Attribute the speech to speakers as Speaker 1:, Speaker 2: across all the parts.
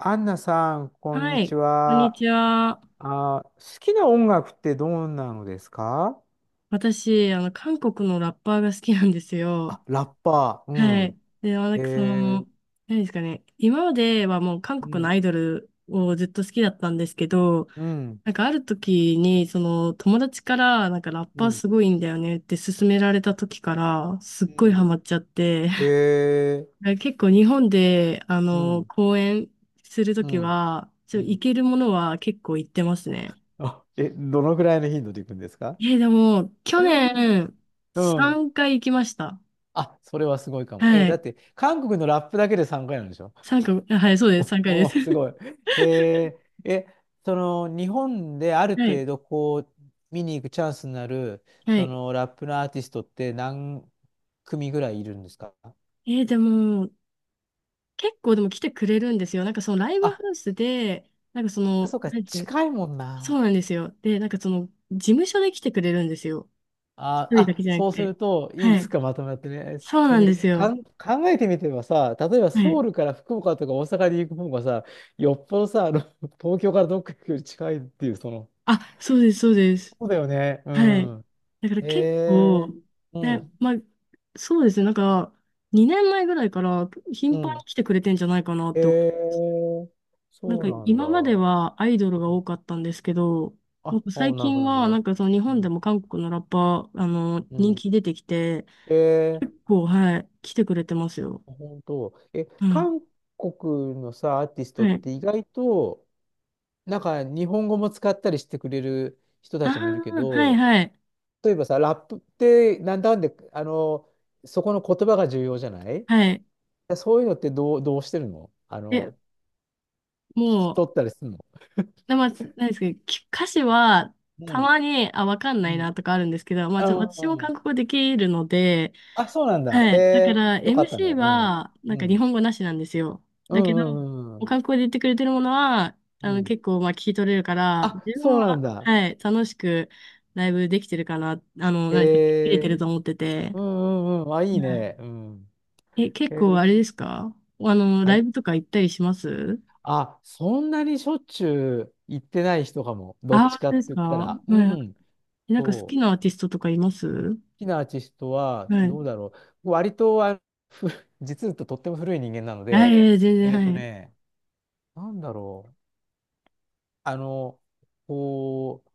Speaker 1: アンナさん、こん
Speaker 2: は
Speaker 1: に
Speaker 2: い、
Speaker 1: ち
Speaker 2: こんに
Speaker 1: は。
Speaker 2: ちは。
Speaker 1: あ、好きな音楽ってどうなのですか？
Speaker 2: 私、韓国のラッパーが好きなんですよ。
Speaker 1: あ、ラッパー、
Speaker 2: は
Speaker 1: うん。
Speaker 2: い。で、まあな
Speaker 1: え
Speaker 2: んかそ
Speaker 1: ー、
Speaker 2: の、何ですかね。今まではもう韓
Speaker 1: う
Speaker 2: 国の
Speaker 1: ん、
Speaker 2: アイドルをずっと好きだったんですけど、
Speaker 1: うん、
Speaker 2: なんかある時に、友達から、なんかラッ
Speaker 1: う
Speaker 2: パー
Speaker 1: ん、
Speaker 2: すごいんだよねって勧められた時から、すっ
Speaker 1: う
Speaker 2: ごい
Speaker 1: ん。
Speaker 2: ハマっちゃって、
Speaker 1: えー、
Speaker 2: 結構日本で、
Speaker 1: うん、
Speaker 2: 公演すると
Speaker 1: う
Speaker 2: き
Speaker 1: ん、
Speaker 2: は、
Speaker 1: う
Speaker 2: 行
Speaker 1: ん。
Speaker 2: けるものは結構行ってますね。
Speaker 1: あ、え、どのぐらいの頻度でいくんですか？
Speaker 2: え、でも、去年、
Speaker 1: うん。
Speaker 2: 3回行きました。
Speaker 1: あ、それはすごいかも。え、
Speaker 2: は
Speaker 1: だっ
Speaker 2: い。
Speaker 1: て、韓国のラップだけで3回なんでしょ？
Speaker 2: 3回、あはい、そうです、3回です。
Speaker 1: おお、すごい。へえ、え、その日本であ る
Speaker 2: はい。
Speaker 1: 程度こう見に行くチャンスになる
Speaker 2: は
Speaker 1: そ
Speaker 2: い。
Speaker 1: のラップのアーティストって何組ぐらいいるんですか？
Speaker 2: でも、結構でも来てくれるんですよ。なんかそのライブハ
Speaker 1: あ、
Speaker 2: ウスで、なんかそ
Speaker 1: そ
Speaker 2: の、
Speaker 1: うか、
Speaker 2: なんていうかね、
Speaker 1: 近いもん
Speaker 2: そう
Speaker 1: な。
Speaker 2: なんですよ。で、事務所で来てくれるんですよ。一
Speaker 1: あ、
Speaker 2: 人だけ
Speaker 1: あ、
Speaker 2: じゃなく
Speaker 1: そうす
Speaker 2: て。
Speaker 1: るとい
Speaker 2: は
Speaker 1: くつ
Speaker 2: い。
Speaker 1: かまとまってね、
Speaker 2: そう
Speaker 1: そ
Speaker 2: な
Speaker 1: れ
Speaker 2: ん
Speaker 1: に
Speaker 2: です
Speaker 1: か
Speaker 2: よ。
Speaker 1: ん考えてみてばさ、例えば
Speaker 2: は
Speaker 1: ソウ
Speaker 2: い。
Speaker 1: ルから福岡とか大阪に行く方がさ、よっぽどさ、東京からどっか行くより近いっていう、その、
Speaker 2: あ、そうです、そうです。
Speaker 1: そうだよね。う
Speaker 2: はい。
Speaker 1: ん。
Speaker 2: だから
Speaker 1: へ
Speaker 2: 結
Speaker 1: え
Speaker 2: 構、
Speaker 1: ー、う
Speaker 2: ね、
Speaker 1: ん。
Speaker 2: まあ、そうですね、なんか、2年前ぐらいから
Speaker 1: う
Speaker 2: 頻繁に
Speaker 1: ん。
Speaker 2: 来てくれてんじゃないかなっ
Speaker 1: へ
Speaker 2: て。
Speaker 1: え、
Speaker 2: なん
Speaker 1: そう
Speaker 2: か
Speaker 1: なんだ。
Speaker 2: 今まで
Speaker 1: う
Speaker 2: はアイドルが
Speaker 1: ん、
Speaker 2: 多かったんですけど、
Speaker 1: あ、
Speaker 2: なんか
Speaker 1: あ、
Speaker 2: 最
Speaker 1: なるほ
Speaker 2: 近
Speaker 1: ど、なるほ
Speaker 2: はな
Speaker 1: ど。
Speaker 2: んかその日
Speaker 1: う
Speaker 2: 本で
Speaker 1: ん。
Speaker 2: も韓国のラッパー、
Speaker 1: う
Speaker 2: 人
Speaker 1: ん、
Speaker 2: 気出てきて、
Speaker 1: へえ、
Speaker 2: 結構、はい、来てくれてますよ。
Speaker 1: 本当。え、
Speaker 2: うん。
Speaker 1: 韓国のさ、アーティスト
Speaker 2: は
Speaker 1: っ
Speaker 2: い。
Speaker 1: て意外と、なんか日本語も使ったりしてくれる人
Speaker 2: あ
Speaker 1: たちもいるけ
Speaker 2: あ、はい
Speaker 1: ど、
Speaker 2: はい。
Speaker 1: 例えばさ、ラップってなんだかんで、そこの言葉が重要じゃない？
Speaker 2: はい。
Speaker 1: だそういうのってどう、どうしてるの？あ
Speaker 2: え、
Speaker 1: の、聞き
Speaker 2: もう、
Speaker 1: 取ったりするの？
Speaker 2: で、まあ、なんですけど、き歌詞は
Speaker 1: う
Speaker 2: た
Speaker 1: ん、
Speaker 2: まに、あ、わかん
Speaker 1: う
Speaker 2: ない
Speaker 1: ん。
Speaker 2: なとかあるんですけど、まあ、
Speaker 1: あ、う
Speaker 2: 私も
Speaker 1: んう
Speaker 2: 韓
Speaker 1: ん、
Speaker 2: 国語できるので、
Speaker 1: あ、そうなんだ。
Speaker 2: は
Speaker 1: へ
Speaker 2: い。だか
Speaker 1: え、
Speaker 2: ら、
Speaker 1: よかったね。
Speaker 2: MC
Speaker 1: うん。
Speaker 2: は、なん
Speaker 1: う
Speaker 2: か日
Speaker 1: ん
Speaker 2: 本語なしなんですよ。
Speaker 1: う
Speaker 2: だけど、
Speaker 1: んうんう
Speaker 2: お
Speaker 1: ん、
Speaker 2: 韓国語で言ってくれてるものは、
Speaker 1: うん。うん。
Speaker 2: 結構、まあ、聞き取れるから、
Speaker 1: あ、
Speaker 2: 自
Speaker 1: そ
Speaker 2: 分
Speaker 1: うなん
Speaker 2: は、
Speaker 1: だ。
Speaker 2: はい、楽しくライブできてるかな、
Speaker 1: へ
Speaker 2: 何か切れて
Speaker 1: え。
Speaker 2: ると思ってて。
Speaker 1: うんうんうん。あ、いい
Speaker 2: は
Speaker 1: ね。うん。
Speaker 2: いえ、結
Speaker 1: へえ。
Speaker 2: 構、あれですか？あの、
Speaker 1: は
Speaker 2: ライ
Speaker 1: い。
Speaker 2: ブとか行ったりします？
Speaker 1: あ、そんなにしょっちゅう行ってない人かも。ど
Speaker 2: あ
Speaker 1: っち
Speaker 2: あそ
Speaker 1: か
Speaker 2: う
Speaker 1: っ
Speaker 2: で
Speaker 1: て
Speaker 2: す
Speaker 1: 言っ
Speaker 2: か
Speaker 1: たら。う
Speaker 2: は
Speaker 1: ん。
Speaker 2: い。なんか好
Speaker 1: そ
Speaker 2: き
Speaker 1: う。
Speaker 2: なアーティストとかいます？
Speaker 1: 好きなアーティストは、
Speaker 2: はい。
Speaker 1: どうだろう。割と、あ、ふ、実はとっても古い人間なの
Speaker 2: あ、いや
Speaker 1: で、
Speaker 2: いや、全然、
Speaker 1: えっと
Speaker 2: はい。
Speaker 1: ね、なんだろう。あの、こう、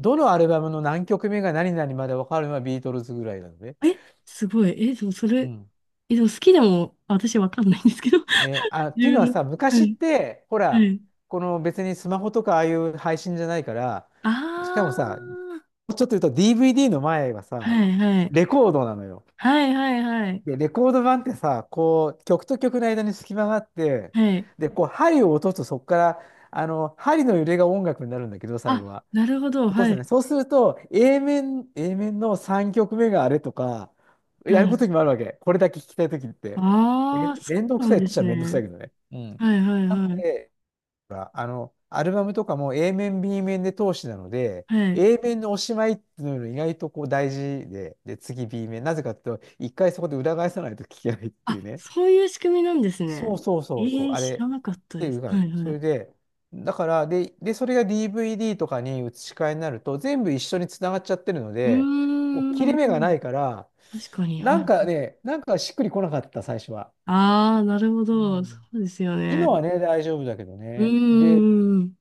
Speaker 1: どのアルバムの何曲目が何々まで分かるのはビートルズぐらいなので。
Speaker 2: え、すごい。え、そう、そ
Speaker 1: う
Speaker 2: れ、
Speaker 1: ん、
Speaker 2: え、でも好きでも、私わかんないんですけど、
Speaker 1: ね、あ、って
Speaker 2: 自
Speaker 1: いうの
Speaker 2: 分
Speaker 1: は
Speaker 2: の。
Speaker 1: さ、
Speaker 2: は
Speaker 1: 昔っ
Speaker 2: い、
Speaker 1: て、ほ
Speaker 2: は
Speaker 1: ら、
Speaker 2: い。
Speaker 1: この別にスマホとかああいう配信じゃないから、
Speaker 2: あ
Speaker 1: しかもさ、
Speaker 2: ー、
Speaker 1: ちょっと言うと DVD の前はさ、
Speaker 2: はい、はい。
Speaker 1: レコードなのよ。
Speaker 2: はい、はい、はい。
Speaker 1: で、レコード盤ってさ、こう、曲と曲の間に隙間があって、
Speaker 2: はい。
Speaker 1: で、こう、針を落とすとそこから、あの、針の揺れが音楽になるんだけど、最後
Speaker 2: あ、
Speaker 1: は。
Speaker 2: なるほど、
Speaker 1: 落と
Speaker 2: は
Speaker 1: すね。
Speaker 2: い、
Speaker 1: そうすると、A 面、A 面の3曲目があれとか、
Speaker 2: は
Speaker 1: やるこ
Speaker 2: い。
Speaker 1: とにもあるわけ。これだけ聞きたいときって。め、
Speaker 2: あー、そ
Speaker 1: めんど
Speaker 2: う
Speaker 1: く
Speaker 2: な
Speaker 1: さ
Speaker 2: ん
Speaker 1: いっ
Speaker 2: で
Speaker 1: ち
Speaker 2: す
Speaker 1: ゃめんどくさい
Speaker 2: ね。
Speaker 1: けどね。うん。
Speaker 2: はい、はい、
Speaker 1: なの
Speaker 2: はい。
Speaker 1: で、ほらあの、アルバムとかも A 面、B 面で通しなので、
Speaker 2: はい。
Speaker 1: A 面のおしまいっていうのが意外とこう大事で、で、次 B 面。なぜかっていうと、一回そこで裏返さないと聞けないっていう
Speaker 2: あ、
Speaker 1: ね。
Speaker 2: そういう仕組みなんですね。
Speaker 1: そうそう
Speaker 2: え
Speaker 1: そうそう、
Speaker 2: ー、
Speaker 1: あれ
Speaker 2: 知ら
Speaker 1: っ
Speaker 2: なかった
Speaker 1: て
Speaker 2: で
Speaker 1: いう
Speaker 2: す。
Speaker 1: か、
Speaker 2: はい、
Speaker 1: そ
Speaker 2: はい。
Speaker 1: れで、だから、で、それが DVD とかに移し替えになると、全部一緒につながっちゃってるの
Speaker 2: うー
Speaker 1: で、こう切れ目がな
Speaker 2: ん、
Speaker 1: いから、
Speaker 2: 確かに、
Speaker 1: な
Speaker 2: は
Speaker 1: ん
Speaker 2: い。
Speaker 1: かね、なんかしっくりこなかった、最初は。
Speaker 2: あー、なるほ
Speaker 1: う
Speaker 2: ど、そ
Speaker 1: ん、
Speaker 2: うですよ
Speaker 1: 今
Speaker 2: ね。
Speaker 1: はね、大丈夫だけど
Speaker 2: う
Speaker 1: ね。
Speaker 2: ー
Speaker 1: で、
Speaker 2: ん。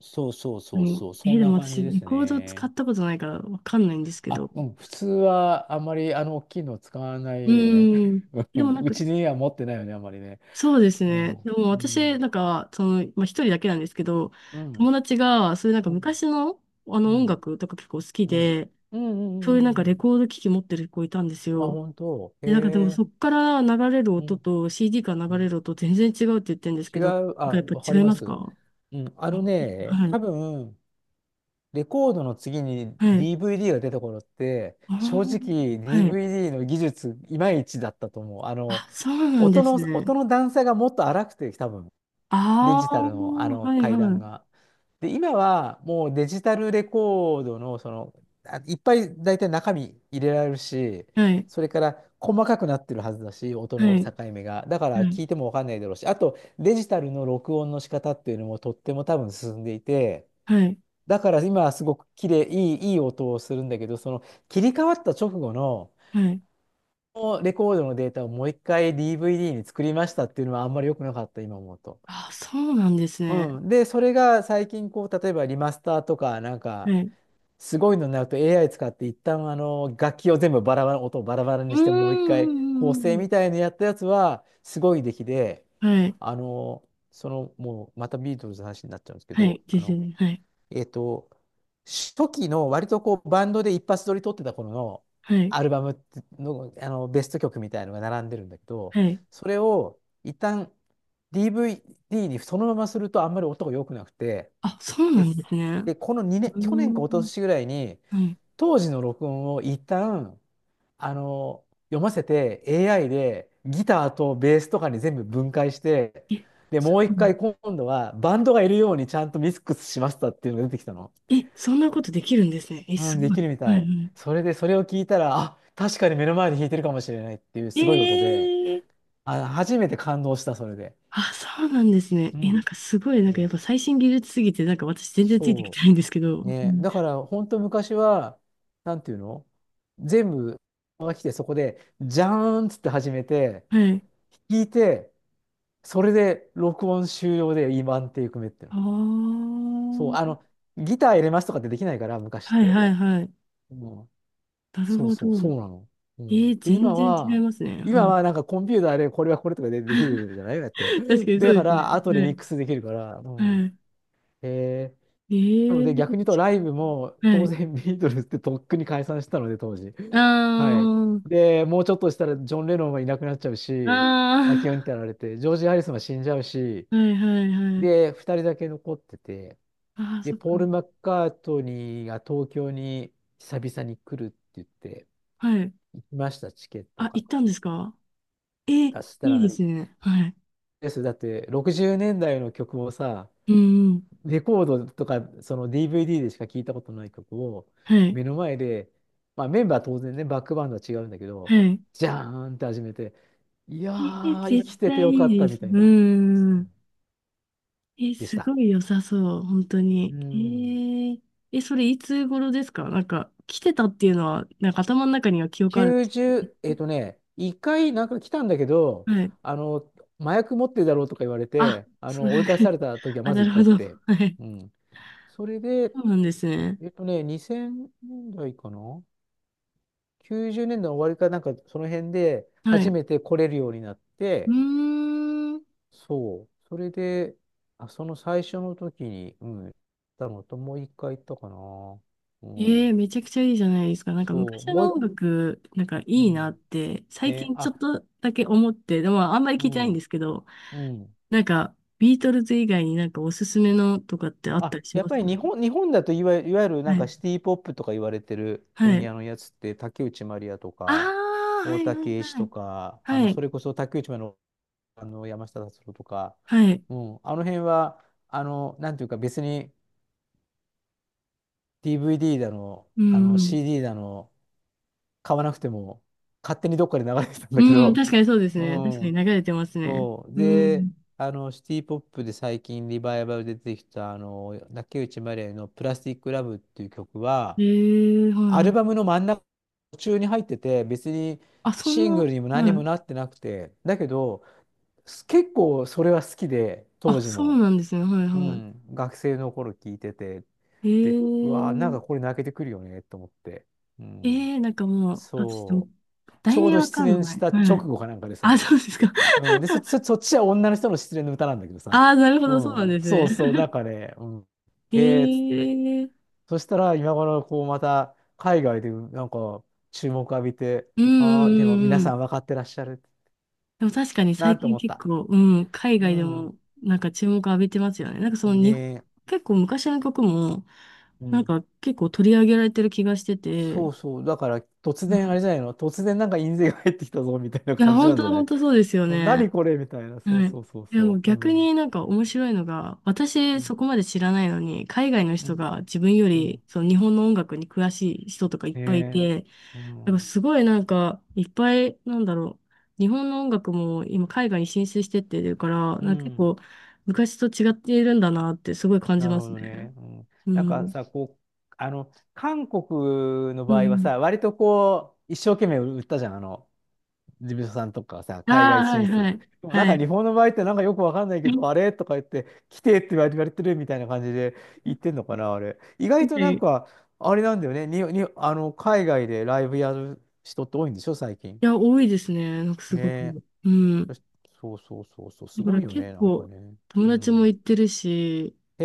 Speaker 1: そうそう
Speaker 2: う
Speaker 1: そう
Speaker 2: ん。
Speaker 1: そう、
Speaker 2: え
Speaker 1: そ
Speaker 2: ー
Speaker 1: ん
Speaker 2: で
Speaker 1: な
Speaker 2: も
Speaker 1: 感
Speaker 2: 私、
Speaker 1: じで
Speaker 2: レ
Speaker 1: す
Speaker 2: コード使
Speaker 1: ね。
Speaker 2: ったことないからわかんないんですけど。
Speaker 1: あ、うん、普通はあんまりあの大きいの使わな
Speaker 2: う
Speaker 1: いよね。
Speaker 2: ーん。
Speaker 1: う
Speaker 2: でも
Speaker 1: ん、
Speaker 2: なん
Speaker 1: う
Speaker 2: か、
Speaker 1: ちには持ってないよね、あんまりね。
Speaker 2: そうです
Speaker 1: う
Speaker 2: ね。
Speaker 1: ん、
Speaker 2: でも
Speaker 1: う
Speaker 2: 私、
Speaker 1: ん、
Speaker 2: 一人だけなんですけど、
Speaker 1: うん、
Speaker 2: 友達が、そういうなんか
Speaker 1: うん。
Speaker 2: 昔の、あの
Speaker 1: う
Speaker 2: 音
Speaker 1: ん
Speaker 2: 楽とか結構好き
Speaker 1: うん。
Speaker 2: で、
Speaker 1: うんうん
Speaker 2: そうい
Speaker 1: う
Speaker 2: うなんか
Speaker 1: んう
Speaker 2: レ
Speaker 1: ん。
Speaker 2: コード機器持ってる子いたんです
Speaker 1: あ、
Speaker 2: よ。
Speaker 1: 本当。へ
Speaker 2: で、なんかでもそ
Speaker 1: え。
Speaker 2: っから流れる
Speaker 1: う
Speaker 2: 音
Speaker 1: ん。
Speaker 2: と CD から
Speaker 1: う
Speaker 2: 流れ
Speaker 1: ん。
Speaker 2: る音全然違うって言ってるんです
Speaker 1: 違
Speaker 2: けど、
Speaker 1: う。
Speaker 2: なんかや
Speaker 1: あ、
Speaker 2: っぱ
Speaker 1: わかり
Speaker 2: 違い
Speaker 1: ま
Speaker 2: ます
Speaker 1: す。
Speaker 2: か？
Speaker 1: うん。あ
Speaker 2: あ
Speaker 1: のね、
Speaker 2: は
Speaker 1: 多
Speaker 2: い。
Speaker 1: 分、レコードの次に
Speaker 2: はい。
Speaker 1: DVD が出た頃って、
Speaker 2: あ
Speaker 1: 正
Speaker 2: ー
Speaker 1: 直
Speaker 2: はい。
Speaker 1: DVD の技術、いまいちだったと思う。あの、
Speaker 2: あ、そうなんで
Speaker 1: 音
Speaker 2: す
Speaker 1: の、
Speaker 2: ね。
Speaker 1: 音の段差がもっと荒くて、多分。デ
Speaker 2: あ
Speaker 1: ジタ
Speaker 2: あ、
Speaker 1: ルのあの
Speaker 2: はい
Speaker 1: 階
Speaker 2: は
Speaker 1: 段
Speaker 2: い。
Speaker 1: が。で、今はもうデジタルレコードの、その、あ、いっぱい大体中身入れられるし、
Speaker 2: はい。
Speaker 1: それから細かくなってるはずだし、音
Speaker 2: は
Speaker 1: の
Speaker 2: い。
Speaker 1: 境目が。だか
Speaker 2: は
Speaker 1: ら
Speaker 2: い。
Speaker 1: 聞いてもわかんないだろうし、あとデジタルの録音の仕方っていうのもとっても多分進んでいて、
Speaker 2: はい。
Speaker 1: だから今はすごく綺麗、いい、いい音をするんだけど、その切り替わった直後の、
Speaker 2: はい。
Speaker 1: このレコードのデータをもう一回 DVD に作りましたっていうのはあんまり良くなかった、今思うと。
Speaker 2: あ、そうなんですね。
Speaker 1: うん。で、それが最近、こう、例えばリマスターとか、なん
Speaker 2: は
Speaker 1: か、
Speaker 2: い。
Speaker 1: すごいのになると AI 使って、一旦、あの、楽器を全部バラバラ、音をバラバラ
Speaker 2: うー
Speaker 1: にし
Speaker 2: ん。
Speaker 1: て、もう一
Speaker 2: う
Speaker 1: 回構
Speaker 2: んうん
Speaker 1: 成
Speaker 2: うん
Speaker 1: みたいなやったやつは、すごい出来で、
Speaker 2: はい。
Speaker 1: あの、その、もう、またビートルズの話になっちゃうんですけ
Speaker 2: は
Speaker 1: ど、
Speaker 2: い。ですね。はい。
Speaker 1: えっと、初期の割とこうバンドで一発撮り撮ってた頃の
Speaker 2: はい。
Speaker 1: アルバムの、あのベスト曲みたいのが並んでるんだけど、
Speaker 2: はい。
Speaker 1: それを一旦 DVD にそのままするとあんまり音が良くなくて、
Speaker 2: あ、そうな
Speaker 1: で、
Speaker 2: んですね。
Speaker 1: でこの2
Speaker 2: う
Speaker 1: 年、
Speaker 2: ー
Speaker 1: 去年か一昨
Speaker 2: ん。
Speaker 1: 年ぐらいに
Speaker 2: はい。
Speaker 1: 当時の録音を一旦あの読ませて AI でギターとベースとかに全部分解して、
Speaker 2: え、
Speaker 1: で、
Speaker 2: そ
Speaker 1: もう
Speaker 2: う
Speaker 1: 一
Speaker 2: なん
Speaker 1: 回今度はバンドがいるようにちゃんとミックスしましたっていうのが出てきたの。
Speaker 2: え、そんなことできるんですね。え、
Speaker 1: う
Speaker 2: す
Speaker 1: ん、で
Speaker 2: ごい。
Speaker 1: きるみ
Speaker 2: はい
Speaker 1: た
Speaker 2: は
Speaker 1: い。
Speaker 2: い。
Speaker 1: それで、それを聞いたら、あ、確かに目の前で弾いてるかもしれないっていう
Speaker 2: え
Speaker 1: すごいことで、
Speaker 2: え
Speaker 1: あ、初めて感動した、それで。
Speaker 2: あ、そうなんですね。
Speaker 1: う
Speaker 2: え、なん
Speaker 1: ん。
Speaker 2: かすごい、なんかやっ
Speaker 1: そう。
Speaker 2: ぱ最新技術すぎて、なんか私全然ついてきて
Speaker 1: そ
Speaker 2: ないんですけど。
Speaker 1: う
Speaker 2: う
Speaker 1: ね。
Speaker 2: ん
Speaker 1: だから、本当昔は、なんていうの、全部が来て、そこで、じゃーんっつって始めて、
Speaker 2: はい。
Speaker 1: 弾いて、それで録音終了で、今っていう組めっていうの。
Speaker 2: あ
Speaker 1: そう、あ
Speaker 2: あ。
Speaker 1: の、ギター入れますとかってできないから、昔っ
Speaker 2: はい
Speaker 1: て。
Speaker 2: はいはい。
Speaker 1: うん、
Speaker 2: なる
Speaker 1: そう
Speaker 2: ほど。
Speaker 1: そう、そうなの。う
Speaker 2: えー、
Speaker 1: ん。で、
Speaker 2: 全
Speaker 1: 今
Speaker 2: 然違い
Speaker 1: は、
Speaker 2: ますね。
Speaker 1: 今
Speaker 2: はい。
Speaker 1: はなんかコンピューターでこれはこれとかでできるじゃないだって。
Speaker 2: 確か にそ
Speaker 1: だ
Speaker 2: うで
Speaker 1: か
Speaker 2: すね。
Speaker 1: ら、後で
Speaker 2: は
Speaker 1: ミッ
Speaker 2: い。
Speaker 1: クスできるから。う
Speaker 2: は
Speaker 1: ん。へえ、
Speaker 2: い。
Speaker 1: なの
Speaker 2: えー、
Speaker 1: で、逆に言うとライブも
Speaker 2: は
Speaker 1: 当
Speaker 2: い。
Speaker 1: 然ビートルズってとっくに解散したので、当時。
Speaker 2: あ
Speaker 1: はい。
Speaker 2: ー、
Speaker 1: で、もうちょっとしたらジョン・レノンはいなくなっちゃうし、マ
Speaker 2: あ
Speaker 1: キオンってやられて、ジョージ・ハリスンは死んじゃうし、
Speaker 2: ー、はいはいはい。
Speaker 1: で、2人だけ残ってて、
Speaker 2: あー、
Speaker 1: で、
Speaker 2: そっ
Speaker 1: ポ
Speaker 2: か。
Speaker 1: ール・マッカートニーが東京に久々に来るって言って、
Speaker 2: はい。
Speaker 1: 行きました、チケット
Speaker 2: あ、
Speaker 1: 買
Speaker 2: 行
Speaker 1: っ
Speaker 2: ったんで
Speaker 1: て。
Speaker 2: すか？えー、
Speaker 1: そした
Speaker 2: いいで
Speaker 1: ら、
Speaker 2: すね。はい。
Speaker 1: です、だって60年代の曲をさ、
Speaker 2: うんうん。
Speaker 1: レコードとか、その DVD でしか聞いたことない曲を、
Speaker 2: はい。
Speaker 1: 目の前で、まあメンバーは当然ね、バックバンドは違うんだけど、
Speaker 2: はい。
Speaker 1: じゃーんって始めて、いや
Speaker 2: えー、
Speaker 1: ー、生
Speaker 2: 絶
Speaker 1: きてて
Speaker 2: 対
Speaker 1: よかっ
Speaker 2: いい
Speaker 1: た
Speaker 2: です。
Speaker 1: みたい
Speaker 2: うんう
Speaker 1: な、
Speaker 2: んう
Speaker 1: うん、
Speaker 2: ん。え、
Speaker 1: でし
Speaker 2: す
Speaker 1: た。
Speaker 2: ごい良さそう、本当
Speaker 1: う
Speaker 2: に。え
Speaker 1: ん。
Speaker 2: ー、え、それいつ頃ですか？なんか、来てたっていうのは、なんか頭の中には記憶あるんです
Speaker 1: 90、一回なんか来たんだけど、
Speaker 2: か？はい。
Speaker 1: あの、麻薬持ってるだろうとか言われ
Speaker 2: あ、
Speaker 1: て、あ
Speaker 2: そう、
Speaker 1: の、追い返され た時は
Speaker 2: あ、
Speaker 1: まず
Speaker 2: な
Speaker 1: 一
Speaker 2: るほ
Speaker 1: 回あっ
Speaker 2: ど。
Speaker 1: て、
Speaker 2: はい。
Speaker 1: うん。それで、
Speaker 2: そうなんですね。
Speaker 1: えっとね、2000年代かな？ 90 年代の終わりかなんかその辺で
Speaker 2: はい。
Speaker 1: 初
Speaker 2: う
Speaker 1: めて来れるようになって、
Speaker 2: ーん。
Speaker 1: そう。それで、あ、その最初の時に、うん、行ったのと、もう一回行ったかな。う
Speaker 2: ええ
Speaker 1: ん。
Speaker 2: めちゃくちゃいいじゃないですか。なんか
Speaker 1: そう。
Speaker 2: 昔
Speaker 1: もう
Speaker 2: の
Speaker 1: 一、
Speaker 2: 音楽、なんかい
Speaker 1: う
Speaker 2: いなっ
Speaker 1: ん。
Speaker 2: て、最
Speaker 1: ね、
Speaker 2: 近ちょっ
Speaker 1: あ、
Speaker 2: とだけ思って、でもあんまり
Speaker 1: う
Speaker 2: 聞いてないんで
Speaker 1: ん、
Speaker 2: すけど、
Speaker 1: うん。
Speaker 2: なんか、ビートルズ以外になんかおすすめのとかってあった
Speaker 1: あ、
Speaker 2: りし
Speaker 1: やっ
Speaker 2: ます？
Speaker 1: ぱり日本だといわゆる、いわゆるな
Speaker 2: は
Speaker 1: ん
Speaker 2: い。
Speaker 1: かシティポップとか言われてる
Speaker 2: は
Speaker 1: 分
Speaker 2: い。
Speaker 1: 野のやつって、竹内まりやと
Speaker 2: あ
Speaker 1: か、
Speaker 2: あ、は
Speaker 1: 大
Speaker 2: いは
Speaker 1: 竹
Speaker 2: い
Speaker 1: 栄一
Speaker 2: は
Speaker 1: と
Speaker 2: い。
Speaker 1: か、あの、
Speaker 2: は
Speaker 1: そ
Speaker 2: い、
Speaker 1: れこそ竹内まりやのあの山下達郎とか、
Speaker 2: はい。
Speaker 1: うん、あの辺は、あの、なんていうか別に DVD だの、
Speaker 2: う
Speaker 1: あの
Speaker 2: ん。
Speaker 1: CD だの、買わなくても勝手にどっかで流れてたんだけ
Speaker 2: うん、
Speaker 1: ど、
Speaker 2: 確かにそうです
Speaker 1: う
Speaker 2: ね。確かに
Speaker 1: ん、
Speaker 2: 流れてますね。
Speaker 1: そう。
Speaker 2: う
Speaker 1: で、
Speaker 2: ん。
Speaker 1: あの、シティポップで最近リバイバルで出てきた、あの、竹内まりやのプラスティックラブっていう曲は、
Speaker 2: ええ
Speaker 1: ア
Speaker 2: は
Speaker 1: ル
Speaker 2: い。
Speaker 1: バムの真ん中、途中に入ってて、別に
Speaker 2: あ、そん
Speaker 1: シング
Speaker 2: な、
Speaker 1: ルにも何
Speaker 2: は
Speaker 1: にも
Speaker 2: い。
Speaker 1: なってなくて、だけど、結構それは好きで、当
Speaker 2: あ、
Speaker 1: 時
Speaker 2: そう
Speaker 1: も。
Speaker 2: なんですね。はい
Speaker 1: う
Speaker 2: は
Speaker 1: ん、学生の頃聞いてて、で、うわあ、なんかこ
Speaker 2: い。ええ
Speaker 1: れ泣けてくるよね、と思って。う
Speaker 2: え
Speaker 1: ん、
Speaker 2: えなんかもう、あ、ちょっ
Speaker 1: そ
Speaker 2: と、
Speaker 1: う。ち
Speaker 2: 題
Speaker 1: ょう
Speaker 2: 名
Speaker 1: ど
Speaker 2: わ
Speaker 1: 失
Speaker 2: かん
Speaker 1: 恋
Speaker 2: な
Speaker 1: し
Speaker 2: い。
Speaker 1: た
Speaker 2: は
Speaker 1: 直
Speaker 2: い。
Speaker 1: 後かなんかで
Speaker 2: あ、
Speaker 1: さ、
Speaker 2: そうですか。
Speaker 1: うん、で、そっちは女の人の失恋の歌なんだけどさ、
Speaker 2: ああ、なるほ
Speaker 1: う
Speaker 2: ど、そうなん
Speaker 1: ん、
Speaker 2: です
Speaker 1: そ
Speaker 2: ね。
Speaker 1: うそう、なんかね、うん、へえ、っつって。
Speaker 2: ええ
Speaker 1: そしたら、今頃、こう、また、海外で、なんか、注目浴びて、
Speaker 2: うんう
Speaker 1: ああ、でも皆
Speaker 2: んうんう
Speaker 1: さん
Speaker 2: ん。
Speaker 1: 分かってらっしゃる、
Speaker 2: でも確かに
Speaker 1: な
Speaker 2: 最
Speaker 1: んて
Speaker 2: 近
Speaker 1: 思っ
Speaker 2: 結
Speaker 1: た。
Speaker 2: 構、うん、海
Speaker 1: う
Speaker 2: 外で
Speaker 1: ん、
Speaker 2: もなんか注目浴びてますよね。なんかその
Speaker 1: ね
Speaker 2: 日本
Speaker 1: え、
Speaker 2: 結構昔の曲も、
Speaker 1: う
Speaker 2: なん
Speaker 1: ん。
Speaker 2: か結構取り上げられてる気がして
Speaker 1: そ
Speaker 2: て、
Speaker 1: うそう。だから、突
Speaker 2: う
Speaker 1: 然、あ
Speaker 2: ん
Speaker 1: れじゃないの、突然なんか印税が入ってきたぞ、みたいな
Speaker 2: いや、
Speaker 1: 感じ
Speaker 2: 本
Speaker 1: なん
Speaker 2: 当
Speaker 1: じゃな
Speaker 2: 本
Speaker 1: い？
Speaker 2: 当そうですよ ね。
Speaker 1: 何これみたいな。そう
Speaker 2: はい。
Speaker 1: そうそう
Speaker 2: でも
Speaker 1: そう。う
Speaker 2: 逆
Speaker 1: ん。
Speaker 2: になんか面白いのが、
Speaker 1: う
Speaker 2: 私
Speaker 1: ん。
Speaker 2: そこまで知らないのに、海外の
Speaker 1: う
Speaker 2: 人
Speaker 1: ん。
Speaker 2: が自分よ
Speaker 1: うん
Speaker 2: りその日本の音楽に詳しい人とかいっ
Speaker 1: ね
Speaker 2: ぱいい
Speaker 1: え。
Speaker 2: て、
Speaker 1: う
Speaker 2: なんか
Speaker 1: ん。
Speaker 2: すごいなんかいっぱいなんだろう、日本の音楽も今海外に進出してってるから、
Speaker 1: う
Speaker 2: なんか結
Speaker 1: ん。
Speaker 2: 構昔と違っているんだなってすごい感じ
Speaker 1: なる
Speaker 2: ま
Speaker 1: ほ
Speaker 2: す
Speaker 1: ど
Speaker 2: ね。
Speaker 1: ね。うん。
Speaker 2: う
Speaker 1: なんか
Speaker 2: ん。
Speaker 1: さ、こう、あの、韓国の
Speaker 2: う
Speaker 1: 場合は
Speaker 2: ん。
Speaker 1: さ、割とこう、一生懸命売ったじゃん。あの、事務所さんとかさ、
Speaker 2: あ
Speaker 1: 海外
Speaker 2: あ、は
Speaker 1: 進
Speaker 2: いは
Speaker 1: 出。
Speaker 2: い。
Speaker 1: でもなん
Speaker 2: は
Speaker 1: か
Speaker 2: い。
Speaker 1: 日本の場合ってなんかよくわかんない け
Speaker 2: は
Speaker 1: ど、あれとか言って、来てって言われてるみたいな感じで言ってんのかな、あれ。意外
Speaker 2: い
Speaker 1: となん
Speaker 2: い
Speaker 1: か、あれなんだよね。あの、海外でライブやる人って多いんでしょ、最近。
Speaker 2: や、多いですね。なんかす
Speaker 1: ね
Speaker 2: ご
Speaker 1: え。
Speaker 2: く。う
Speaker 1: そ
Speaker 2: ん。
Speaker 1: し、そうそうそうそう。
Speaker 2: だ
Speaker 1: す
Speaker 2: か
Speaker 1: ご
Speaker 2: ら
Speaker 1: いよ
Speaker 2: 結
Speaker 1: ね、なんか
Speaker 2: 構
Speaker 1: ね。
Speaker 2: 友
Speaker 1: う
Speaker 2: 達も
Speaker 1: ん。
Speaker 2: 行ってるし、
Speaker 1: へ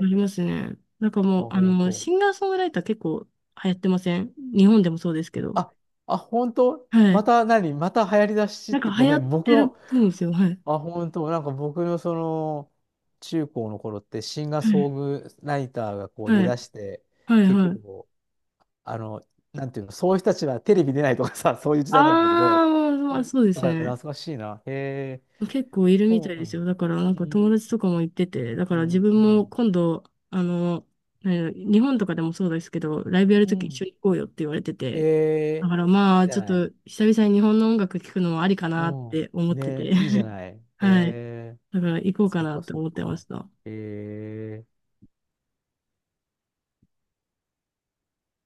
Speaker 2: ありますね。なんか
Speaker 1: あ、
Speaker 2: もう、
Speaker 1: 本当。
Speaker 2: シンガーソングライター結構流行ってません？日本でもそうですけど。
Speaker 1: あ、あ、本当
Speaker 2: はい。
Speaker 1: また何また流行りだしっ
Speaker 2: なんか
Speaker 1: て、ご
Speaker 2: 流行
Speaker 1: め
Speaker 2: っ
Speaker 1: ん、僕
Speaker 2: てるっ
Speaker 1: の、
Speaker 2: ぽいんですよ。はい。
Speaker 1: あ、本当、なんか僕のその中高の頃ってシンガー
Speaker 2: は
Speaker 1: ソ
Speaker 2: い。
Speaker 1: ングライターがこう出
Speaker 2: はい。
Speaker 1: だして
Speaker 2: はい。
Speaker 1: 結
Speaker 2: はい。
Speaker 1: 構あの、なんていうの、そういう人たちはテレビ出ないとかさ。 そういう時代なんだけ
Speaker 2: あ
Speaker 1: ど、
Speaker 2: ー、ま
Speaker 1: う
Speaker 2: あ、
Speaker 1: ん、
Speaker 2: そうで
Speaker 1: なん
Speaker 2: す
Speaker 1: か懐
Speaker 2: ね。
Speaker 1: かしいな。へえ、
Speaker 2: 結構いるみた
Speaker 1: そ
Speaker 2: い
Speaker 1: う
Speaker 2: で
Speaker 1: な
Speaker 2: す
Speaker 1: んだ、
Speaker 2: よ。だからなん
Speaker 1: う
Speaker 2: か友
Speaker 1: ん
Speaker 2: 達とかも行ってて、だか
Speaker 1: う
Speaker 2: ら
Speaker 1: ん
Speaker 2: 自
Speaker 1: う
Speaker 2: 分も
Speaker 1: ん、
Speaker 2: 今度、あの、日本とかでもそうですけど、ライブやる
Speaker 1: う
Speaker 2: とき一
Speaker 1: ん、
Speaker 2: 緒に行こうよって言われて
Speaker 1: え
Speaker 2: て、だ
Speaker 1: え、
Speaker 2: から
Speaker 1: い
Speaker 2: ま
Speaker 1: い
Speaker 2: あ
Speaker 1: じゃ
Speaker 2: ちょっ
Speaker 1: ない、
Speaker 2: と久々に日本の音楽聴くのもありか
Speaker 1: う
Speaker 2: なって思っ
Speaker 1: ん、
Speaker 2: て
Speaker 1: ね、
Speaker 2: て、
Speaker 1: いいじゃ ない、
Speaker 2: はい。
Speaker 1: ええ、
Speaker 2: だから行こうか
Speaker 1: そっ
Speaker 2: な
Speaker 1: か
Speaker 2: って
Speaker 1: そっ
Speaker 2: 思ってま
Speaker 1: か、
Speaker 2: した。
Speaker 1: ええ